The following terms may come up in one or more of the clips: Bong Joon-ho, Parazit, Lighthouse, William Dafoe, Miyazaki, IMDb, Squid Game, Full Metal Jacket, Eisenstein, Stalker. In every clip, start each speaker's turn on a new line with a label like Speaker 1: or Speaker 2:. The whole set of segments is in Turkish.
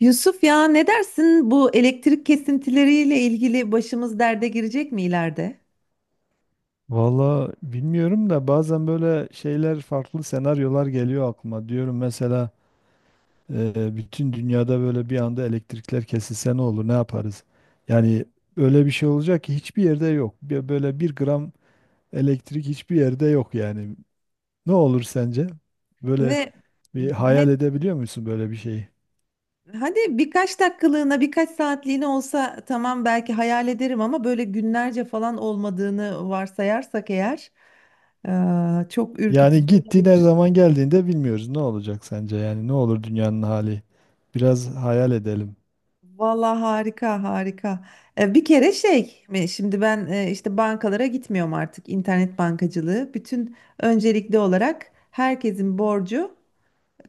Speaker 1: Yusuf ya ne dersin bu elektrik kesintileriyle ilgili başımız derde girecek mi ileride?
Speaker 2: Valla bilmiyorum da bazen böyle şeyler farklı senaryolar geliyor aklıma. Diyorum mesela bütün dünyada böyle bir anda elektrikler kesilse ne olur ne yaparız? Yani öyle bir şey olacak ki hiçbir yerde yok. Böyle bir gram elektrik hiçbir yerde yok yani. Ne olur sence? Böyle
Speaker 1: Ve
Speaker 2: bir
Speaker 1: he-
Speaker 2: hayal edebiliyor musun böyle bir şeyi?
Speaker 1: hadi birkaç dakikalığına birkaç saatliğine olsa tamam belki hayal ederim ama böyle günlerce falan olmadığını varsayarsak eğer çok
Speaker 2: Yani
Speaker 1: ürkütücü
Speaker 2: gitti ne
Speaker 1: olabilir.
Speaker 2: zaman geldiğinde bilmiyoruz. Ne olacak sence? Yani ne olur dünyanın hali? Biraz hayal edelim.
Speaker 1: Valla harika harika. Bir kere şey mi, şimdi ben işte bankalara gitmiyorum artık internet bankacılığı. Bütün öncelikli olarak herkesin borcu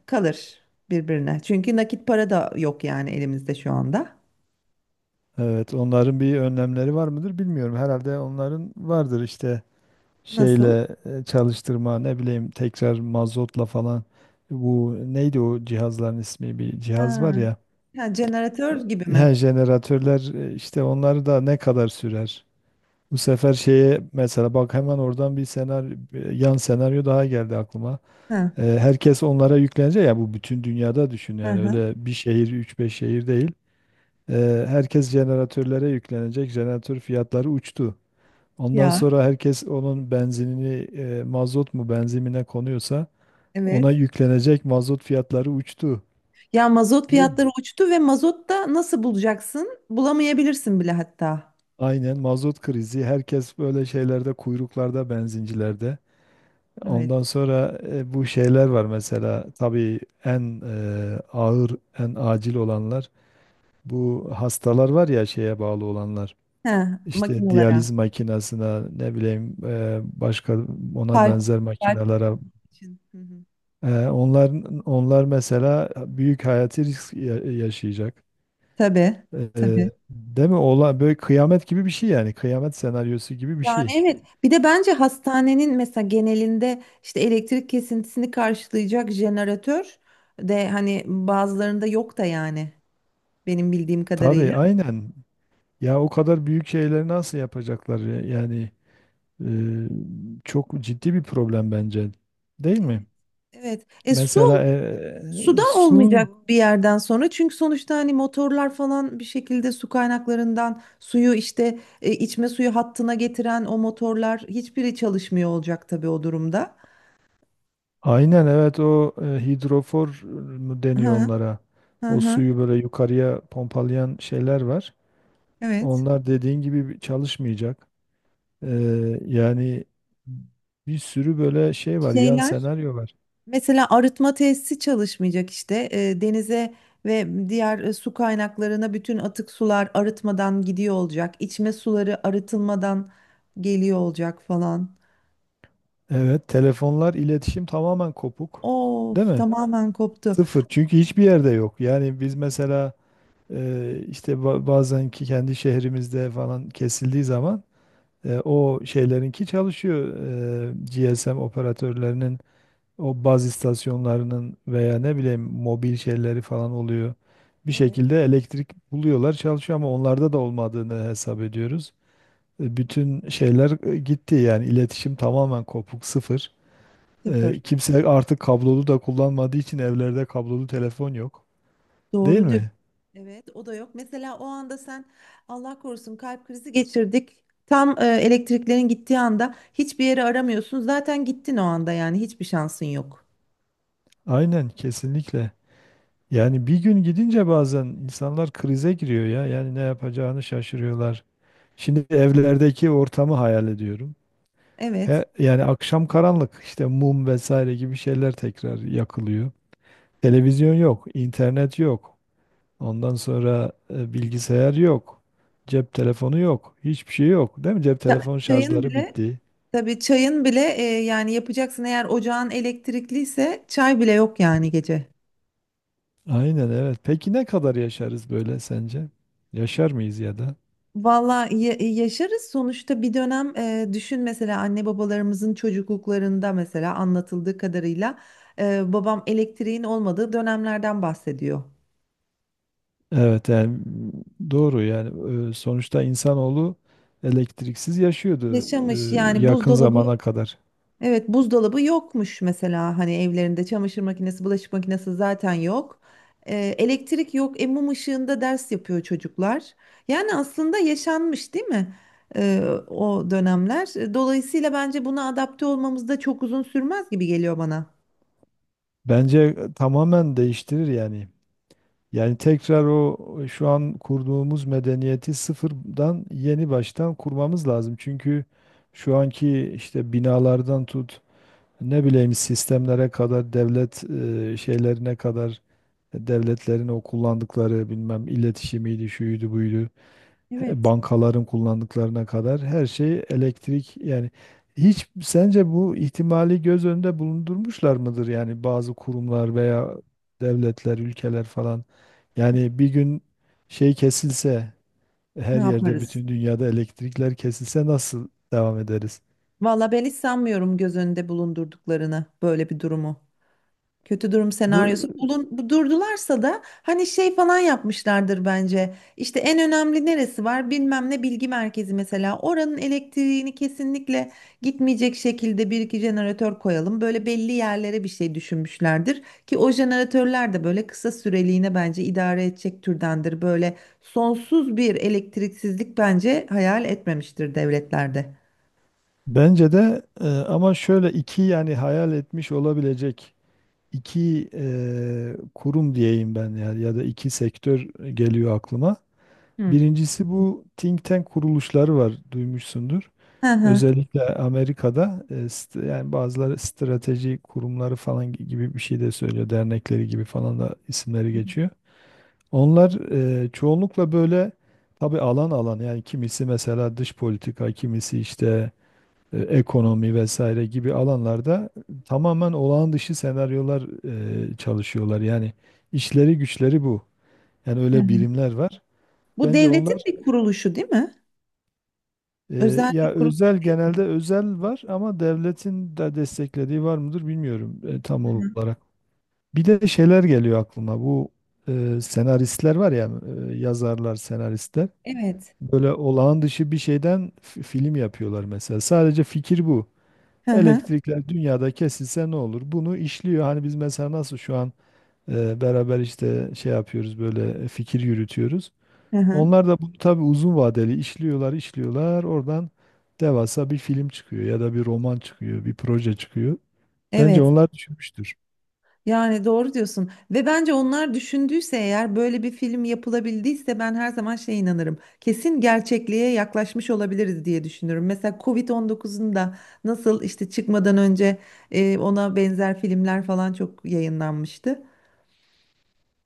Speaker 1: kalır birbirine. Çünkü nakit para da yok yani elimizde şu anda.
Speaker 2: Evet, onların bir önlemleri var mıdır bilmiyorum. Herhalde onların vardır işte
Speaker 1: Nasıl?
Speaker 2: şeyle çalıştırma, ne bileyim tekrar mazotla falan. Bu neydi o cihazların ismi? Bir
Speaker 1: Ha,
Speaker 2: cihaz var ya.
Speaker 1: ha, jeneratör gibi
Speaker 2: Her
Speaker 1: mi?
Speaker 2: jeneratörler işte onları da ne kadar sürer? Bu sefer şeye mesela bak hemen oradan bir senaryo, bir yan senaryo daha geldi aklıma.
Speaker 1: Ha,
Speaker 2: Herkes onlara yüklenecek ya bu bütün dünyada düşün
Speaker 1: hı
Speaker 2: yani
Speaker 1: hı.
Speaker 2: öyle bir şehir, üç beş şehir değil. Herkes jeneratörlere yüklenecek. Jeneratör fiyatları uçtu. Ondan
Speaker 1: Ya
Speaker 2: sonra herkes onun benzinini mazot mu benzinine konuyorsa ona
Speaker 1: evet.
Speaker 2: yüklenecek mazot fiyatları uçtu.
Speaker 1: Ya mazot
Speaker 2: Değil mi?
Speaker 1: fiyatları uçtu ve mazot da nasıl bulacaksın? Bulamayabilirsin bile hatta.
Speaker 2: Aynen mazot krizi. Herkes böyle şeylerde kuyruklarda benzincilerde.
Speaker 1: Evet.
Speaker 2: Ondan sonra bu şeyler var mesela tabii en ağır en acil olanlar bu hastalar var ya şeye bağlı olanlar.
Speaker 1: Ha,
Speaker 2: İşte
Speaker 1: makinalara.
Speaker 2: diyaliz makinesine ne bileyim başka ona
Speaker 1: Kalp,
Speaker 2: benzer
Speaker 1: kalp
Speaker 2: makinelere.
Speaker 1: için. Hı hı.
Speaker 2: Onlar mesela büyük hayati risk yaşayacak.
Speaker 1: Tabii, tabii.
Speaker 2: Değil mi? Ola böyle kıyamet gibi bir şey yani. Kıyamet senaryosu gibi bir
Speaker 1: Yani
Speaker 2: şey.
Speaker 1: evet. Bir de bence hastanenin mesela genelinde işte elektrik kesintisini karşılayacak jeneratör de hani bazılarında yok da yani. Benim bildiğim kadarıyla.
Speaker 2: Tabii aynen. Ya o kadar büyük şeyleri nasıl yapacaklar ya? Yani çok ciddi bir problem bence. Değil
Speaker 1: Evet,
Speaker 2: mi?
Speaker 1: evet. E su
Speaker 2: Mesela
Speaker 1: suda
Speaker 2: su
Speaker 1: olmayacak bir yerden sonra çünkü sonuçta hani motorlar falan bir şekilde su kaynaklarından suyu işte içme suyu hattına getiren o motorlar hiçbiri çalışmıyor olacak tabii o durumda.
Speaker 2: aynen evet o hidrofor mu deniyor
Speaker 1: Hı
Speaker 2: onlara.
Speaker 1: hı
Speaker 2: O
Speaker 1: hı.
Speaker 2: suyu böyle yukarıya pompalayan şeyler var.
Speaker 1: Evet.
Speaker 2: Onlar dediğin gibi çalışmayacak. Yani bir sürü böyle şey var, yan
Speaker 1: Şeyler
Speaker 2: senaryo var.
Speaker 1: mesela arıtma tesisi çalışmayacak işte denize ve diğer su kaynaklarına bütün atık sular arıtmadan gidiyor olacak. İçme suları arıtılmadan geliyor olacak falan.
Speaker 2: Evet, telefonlar, iletişim tamamen kopuk. Değil
Speaker 1: Of
Speaker 2: mi?
Speaker 1: tamamen koptu.
Speaker 2: Sıfır. Çünkü hiçbir yerde yok. Yani biz mesela işte bazen ki kendi şehrimizde falan kesildiği zaman o şeylerinki çalışıyor. E, GSM operatörlerinin o baz istasyonlarının veya ne bileyim mobil şeyleri falan oluyor. Bir
Speaker 1: Evet,
Speaker 2: şekilde elektrik buluyorlar, çalışıyor ama onlarda da olmadığını hesap ediyoruz. Bütün şeyler gitti yani iletişim tamamen kopuk sıfır.
Speaker 1: sıfır.
Speaker 2: Kimse artık kablolu da kullanmadığı için evlerde kablolu telefon yok. Değil
Speaker 1: Doğru diyor.
Speaker 2: mi?
Speaker 1: Evet. O da yok. Mesela o anda sen Allah korusun kalp krizi geçirdik. Tam elektriklerin gittiği anda hiçbir yeri aramıyorsun. Zaten gittin o anda yani hiçbir şansın yok.
Speaker 2: Aynen kesinlikle. Yani bir gün gidince bazen insanlar krize giriyor ya. Yani ne yapacağını şaşırıyorlar. Şimdi evlerdeki ortamı hayal ediyorum.
Speaker 1: Evet.
Speaker 2: He, yani akşam karanlık işte mum vesaire gibi şeyler tekrar yakılıyor. Televizyon yok, internet yok. Ondan sonra bilgisayar yok. Cep telefonu yok. Hiçbir şey yok. Değil mi? Cep
Speaker 1: Ça-
Speaker 2: telefon
Speaker 1: Çayın
Speaker 2: şarjları
Speaker 1: bile
Speaker 2: bitti.
Speaker 1: tabii çayın bile yani yapacaksın eğer ocağın elektrikliyse çay bile yok yani gece.
Speaker 2: Aynen evet. Peki ne kadar yaşarız böyle sence? Yaşar mıyız ya da?
Speaker 1: Valla yaşarız sonuçta bir dönem düşün mesela anne babalarımızın çocukluklarında mesela anlatıldığı kadarıyla babam elektriğin olmadığı dönemlerden bahsediyor.
Speaker 2: Evet yani doğru yani sonuçta insanoğlu elektriksiz yaşıyordu
Speaker 1: Yaşamış yani
Speaker 2: yakın
Speaker 1: buzdolabı
Speaker 2: zamana kadar.
Speaker 1: evet buzdolabı yokmuş mesela hani evlerinde çamaşır makinesi bulaşık makinesi zaten yok. Elektrik yok, mum ışığında ders yapıyor çocuklar. Yani aslında yaşanmış değil mi? e, O dönemler. Dolayısıyla bence buna adapte olmamız da çok uzun sürmez gibi geliyor bana.
Speaker 2: Bence tamamen değiştirir yani. Yani tekrar o şu an kurduğumuz medeniyeti sıfırdan yeni baştan kurmamız lazım. Çünkü şu anki işte binalardan tut ne bileyim sistemlere kadar devlet şeylerine kadar devletlerin o kullandıkları bilmem iletişimiydi, şuydu buydu,
Speaker 1: Evet.
Speaker 2: bankaların kullandıklarına kadar her şey elektrik yani hiç sence bu ihtimali göz önünde bulundurmuşlar mıdır yani bazı kurumlar veya devletler, ülkeler falan? Yani bir gün şey kesilse
Speaker 1: Ne
Speaker 2: her yerde
Speaker 1: yaparız?
Speaker 2: bütün dünyada elektrikler kesilse nasıl devam ederiz?
Speaker 1: Valla ben hiç sanmıyorum göz önünde bulundurduklarını böyle bir durumu. Kötü durum
Speaker 2: Bu
Speaker 1: senaryosu bulun, durdularsa da hani şey falan yapmışlardır bence. İşte en önemli neresi var bilmem ne bilgi merkezi mesela. Oranın elektriğini kesinlikle gitmeyecek şekilde bir iki jeneratör koyalım. Böyle belli yerlere bir şey düşünmüşlerdir. Ki o jeneratörler de böyle kısa süreliğine bence idare edecek türdendir. Böyle sonsuz bir elektriksizlik bence hayal etmemiştir devletlerde.
Speaker 2: bence de ama şöyle iki yani hayal etmiş olabilecek iki kurum diyeyim ben ya ya da iki sektör geliyor aklıma.
Speaker 1: Hı.
Speaker 2: Birincisi bu think tank kuruluşları var duymuşsundur.
Speaker 1: Hı hı.
Speaker 2: Özellikle Amerika'da yani bazıları strateji kurumları falan gibi bir şey de söylüyor. Dernekleri gibi falan da isimleri geçiyor. Onlar çoğunlukla böyle tabii alan alan yani kimisi mesela dış politika, kimisi işte ekonomi vesaire gibi alanlarda tamamen olağan dışı senaryolar çalışıyorlar. Yani işleri güçleri bu. Yani
Speaker 1: Hı
Speaker 2: öyle
Speaker 1: hı.
Speaker 2: birimler var.
Speaker 1: Bu
Speaker 2: Bence
Speaker 1: devletin
Speaker 2: onlar
Speaker 1: bir kuruluşu değil mi? Özel bir
Speaker 2: ya
Speaker 1: kuruluş
Speaker 2: özel
Speaker 1: değil.
Speaker 2: genelde özel var ama devletin de desteklediği var mıdır bilmiyorum tam olarak. Bir de şeyler geliyor aklıma. Bu senaristler var ya yazarlar, senaristler.
Speaker 1: Evet.
Speaker 2: Böyle olağan dışı bir şeyden film yapıyorlar mesela. Sadece fikir bu.
Speaker 1: Hı hı.
Speaker 2: Elektrikler dünyada kesilse ne olur? Bunu işliyor. Hani biz mesela nasıl şu an beraber işte şey yapıyoruz böyle fikir yürütüyoruz.
Speaker 1: Hı hı.
Speaker 2: Onlar da bunu tabii uzun vadeli işliyorlar, işliyorlar. Oradan devasa bir film çıkıyor ya da bir roman çıkıyor, bir proje çıkıyor. Bence
Speaker 1: Evet.
Speaker 2: onlar düşünmüştür.
Speaker 1: Yani doğru diyorsun. Ve bence onlar düşündüyse eğer böyle bir film yapılabildiyse ben her zaman şeye inanırım. Kesin gerçekliğe yaklaşmış olabiliriz diye düşünüyorum. Mesela Covid-19'un da nasıl işte çıkmadan önce ona benzer filmler falan çok yayınlanmıştı.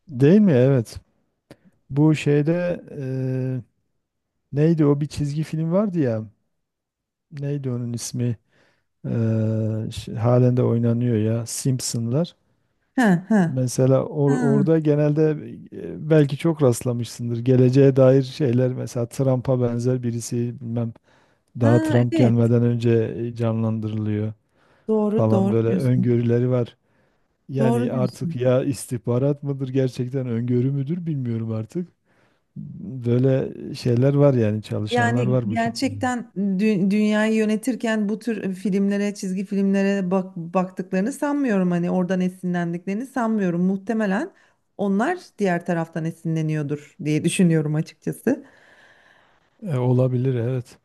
Speaker 2: Değil mi? Evet. Bu şeyde neydi o bir çizgi film vardı ya. Neydi onun ismi? Halen de oynanıyor ya Simpsonlar.
Speaker 1: Hı hı.
Speaker 2: Mesela
Speaker 1: Ha,
Speaker 2: orada genelde belki çok rastlamışsındır. Geleceğe dair şeyler mesela Trump'a benzer birisi bilmem daha
Speaker 1: ha,
Speaker 2: Trump
Speaker 1: evet.
Speaker 2: gelmeden önce canlandırılıyor
Speaker 1: Doğru,
Speaker 2: falan
Speaker 1: doğru
Speaker 2: böyle
Speaker 1: diyorsun.
Speaker 2: öngörüleri var.
Speaker 1: Doğru
Speaker 2: Yani artık
Speaker 1: diyorsun.
Speaker 2: ya istihbarat mıdır gerçekten öngörü müdür bilmiyorum artık. Böyle şeyler var yani çalışanlar
Speaker 1: Yani
Speaker 2: var bu şey.
Speaker 1: gerçekten dünyayı yönetirken bu tür filmlere, çizgi filmlere baktıklarını sanmıyorum. Hani oradan esinlendiklerini sanmıyorum. Muhtemelen onlar diğer taraftan esinleniyordur diye düşünüyorum açıkçası.
Speaker 2: Olabilir evet.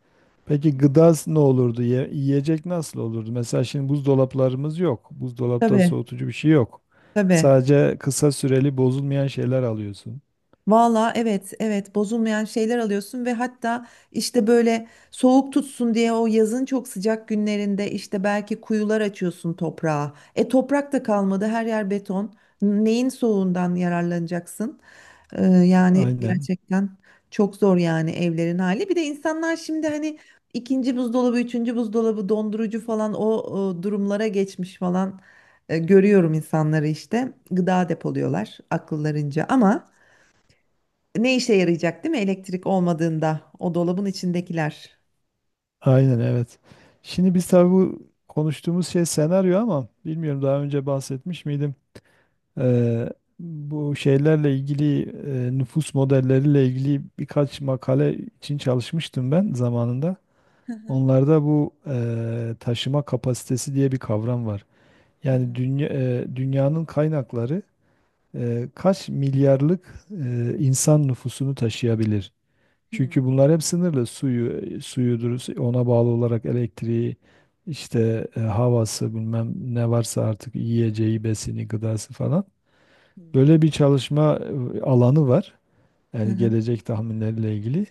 Speaker 2: Peki gıda ne olurdu? Yiyecek nasıl olurdu? Mesela şimdi buzdolaplarımız yok. Buzdolapta
Speaker 1: Tabii,
Speaker 2: soğutucu bir şey yok.
Speaker 1: tabii.
Speaker 2: Sadece kısa süreli bozulmayan şeyler alıyorsun.
Speaker 1: Valla evet evet bozulmayan şeyler alıyorsun ve hatta işte böyle soğuk tutsun diye o yazın çok sıcak günlerinde işte belki kuyular açıyorsun toprağa. E toprak da kalmadı her yer beton. Neyin soğuğundan yararlanacaksın? Yani
Speaker 2: Aynen.
Speaker 1: gerçekten çok zor yani evlerin hali. Bir de insanlar şimdi hani ikinci buzdolabı, üçüncü buzdolabı, dondurucu falan o durumlara geçmiş falan. Görüyorum insanları işte gıda depoluyorlar akıllarınca ama... Ne işe yarayacak değil mi elektrik olmadığında o dolabın içindekiler?
Speaker 2: Aynen evet. Şimdi biz tabii bu konuştuğumuz şey senaryo ama bilmiyorum daha önce bahsetmiş miydim? Ee, Bu şeylerle ilgili nüfus modelleriyle ilgili birkaç makale için çalışmıştım ben zamanında.
Speaker 1: Hı hı,
Speaker 2: Onlarda bu taşıma kapasitesi diye bir kavram var.
Speaker 1: hı
Speaker 2: Yani
Speaker 1: hı.
Speaker 2: dünya, dünyanın kaynakları kaç milyarlık insan nüfusunu taşıyabilir? Çünkü
Speaker 1: Hmm.
Speaker 2: bunlar hep sınırlı. Suyu, suyudur, ona bağlı olarak elektriği, işte havası bilmem ne varsa artık yiyeceği, besini, gıdası falan. Böyle bir çalışma alanı var.
Speaker 1: Hı
Speaker 2: Yani
Speaker 1: hı,
Speaker 2: gelecek tahminleriyle ilgili.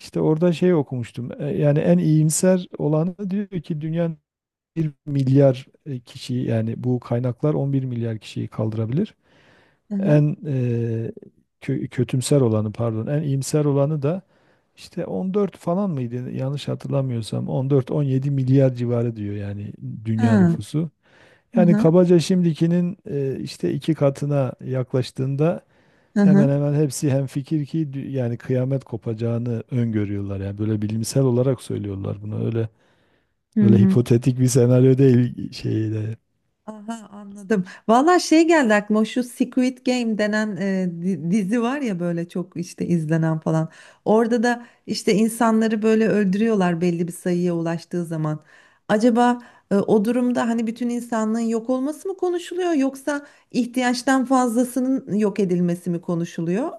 Speaker 2: İşte orada şey okumuştum. Yani en iyimser olanı diyor ki dünya milyar kişiyi yani bu kaynaklar 11 milyar kişiyi kaldırabilir.
Speaker 1: hı hı.
Speaker 2: En e, Kötümser olanı pardon en iyimser olanı da işte 14 falan mıydı yanlış hatırlamıyorsam 14-17 milyar civarı diyor yani dünya
Speaker 1: Ha,
Speaker 2: nüfusu.
Speaker 1: hı
Speaker 2: Yani
Speaker 1: hı,
Speaker 2: kabaca şimdikinin işte iki katına yaklaştığında
Speaker 1: hı
Speaker 2: hemen
Speaker 1: hı.
Speaker 2: hemen hepsi hemfikir ki yani kıyamet kopacağını öngörüyorlar. Yani böyle bilimsel olarak söylüyorlar bunu öyle
Speaker 1: Hı
Speaker 2: öyle
Speaker 1: hı hı.
Speaker 2: hipotetik bir senaryo değil şeyde.
Speaker 1: Aha anladım. Valla şey geldi aklıma şu Squid Game denen dizi var ya böyle çok işte izlenen falan. Orada da işte insanları böyle öldürüyorlar belli bir sayıya ulaştığı zaman. Acaba o durumda hani bütün insanlığın yok olması mı konuşuluyor yoksa ihtiyaçtan fazlasının yok edilmesi mi konuşuluyor?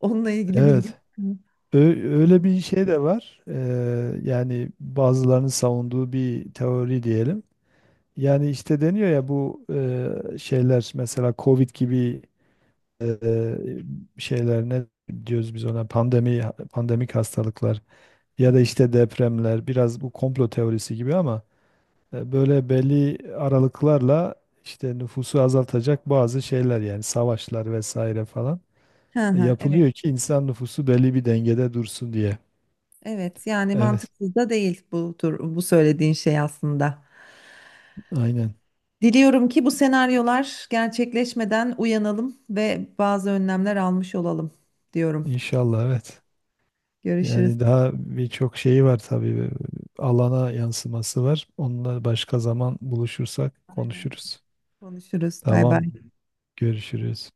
Speaker 1: Onunla ilgili bilgi
Speaker 2: Evet.
Speaker 1: var mı?
Speaker 2: Öyle bir şey de var. Yani bazılarının savunduğu bir teori diyelim. Yani işte deniyor ya bu şeyler mesela Covid gibi e, şeyler ne diyoruz biz ona pandemi pandemik hastalıklar
Speaker 1: Hı
Speaker 2: ya da
Speaker 1: hı.
Speaker 2: işte depremler biraz bu komplo teorisi gibi ama böyle belli aralıklarla işte nüfusu azaltacak bazı şeyler yani savaşlar vesaire falan
Speaker 1: Hı hı, evet.
Speaker 2: yapılıyor ki insan nüfusu belli bir dengede dursun diye.
Speaker 1: Evet yani
Speaker 2: Evet.
Speaker 1: mantıksız da değil bu tur bu söylediğin şey aslında.
Speaker 2: Aynen.
Speaker 1: Diliyorum ki bu senaryolar gerçekleşmeden uyanalım ve bazı önlemler almış olalım diyorum.
Speaker 2: İnşallah evet.
Speaker 1: Görüşürüz.
Speaker 2: Yani daha birçok şeyi var tabii. Alana yansıması var. Onunla başka zaman buluşursak
Speaker 1: Aynen.
Speaker 2: konuşuruz.
Speaker 1: Konuşuruz. Bay
Speaker 2: Tamam.
Speaker 1: bay.
Speaker 2: Görüşürüz.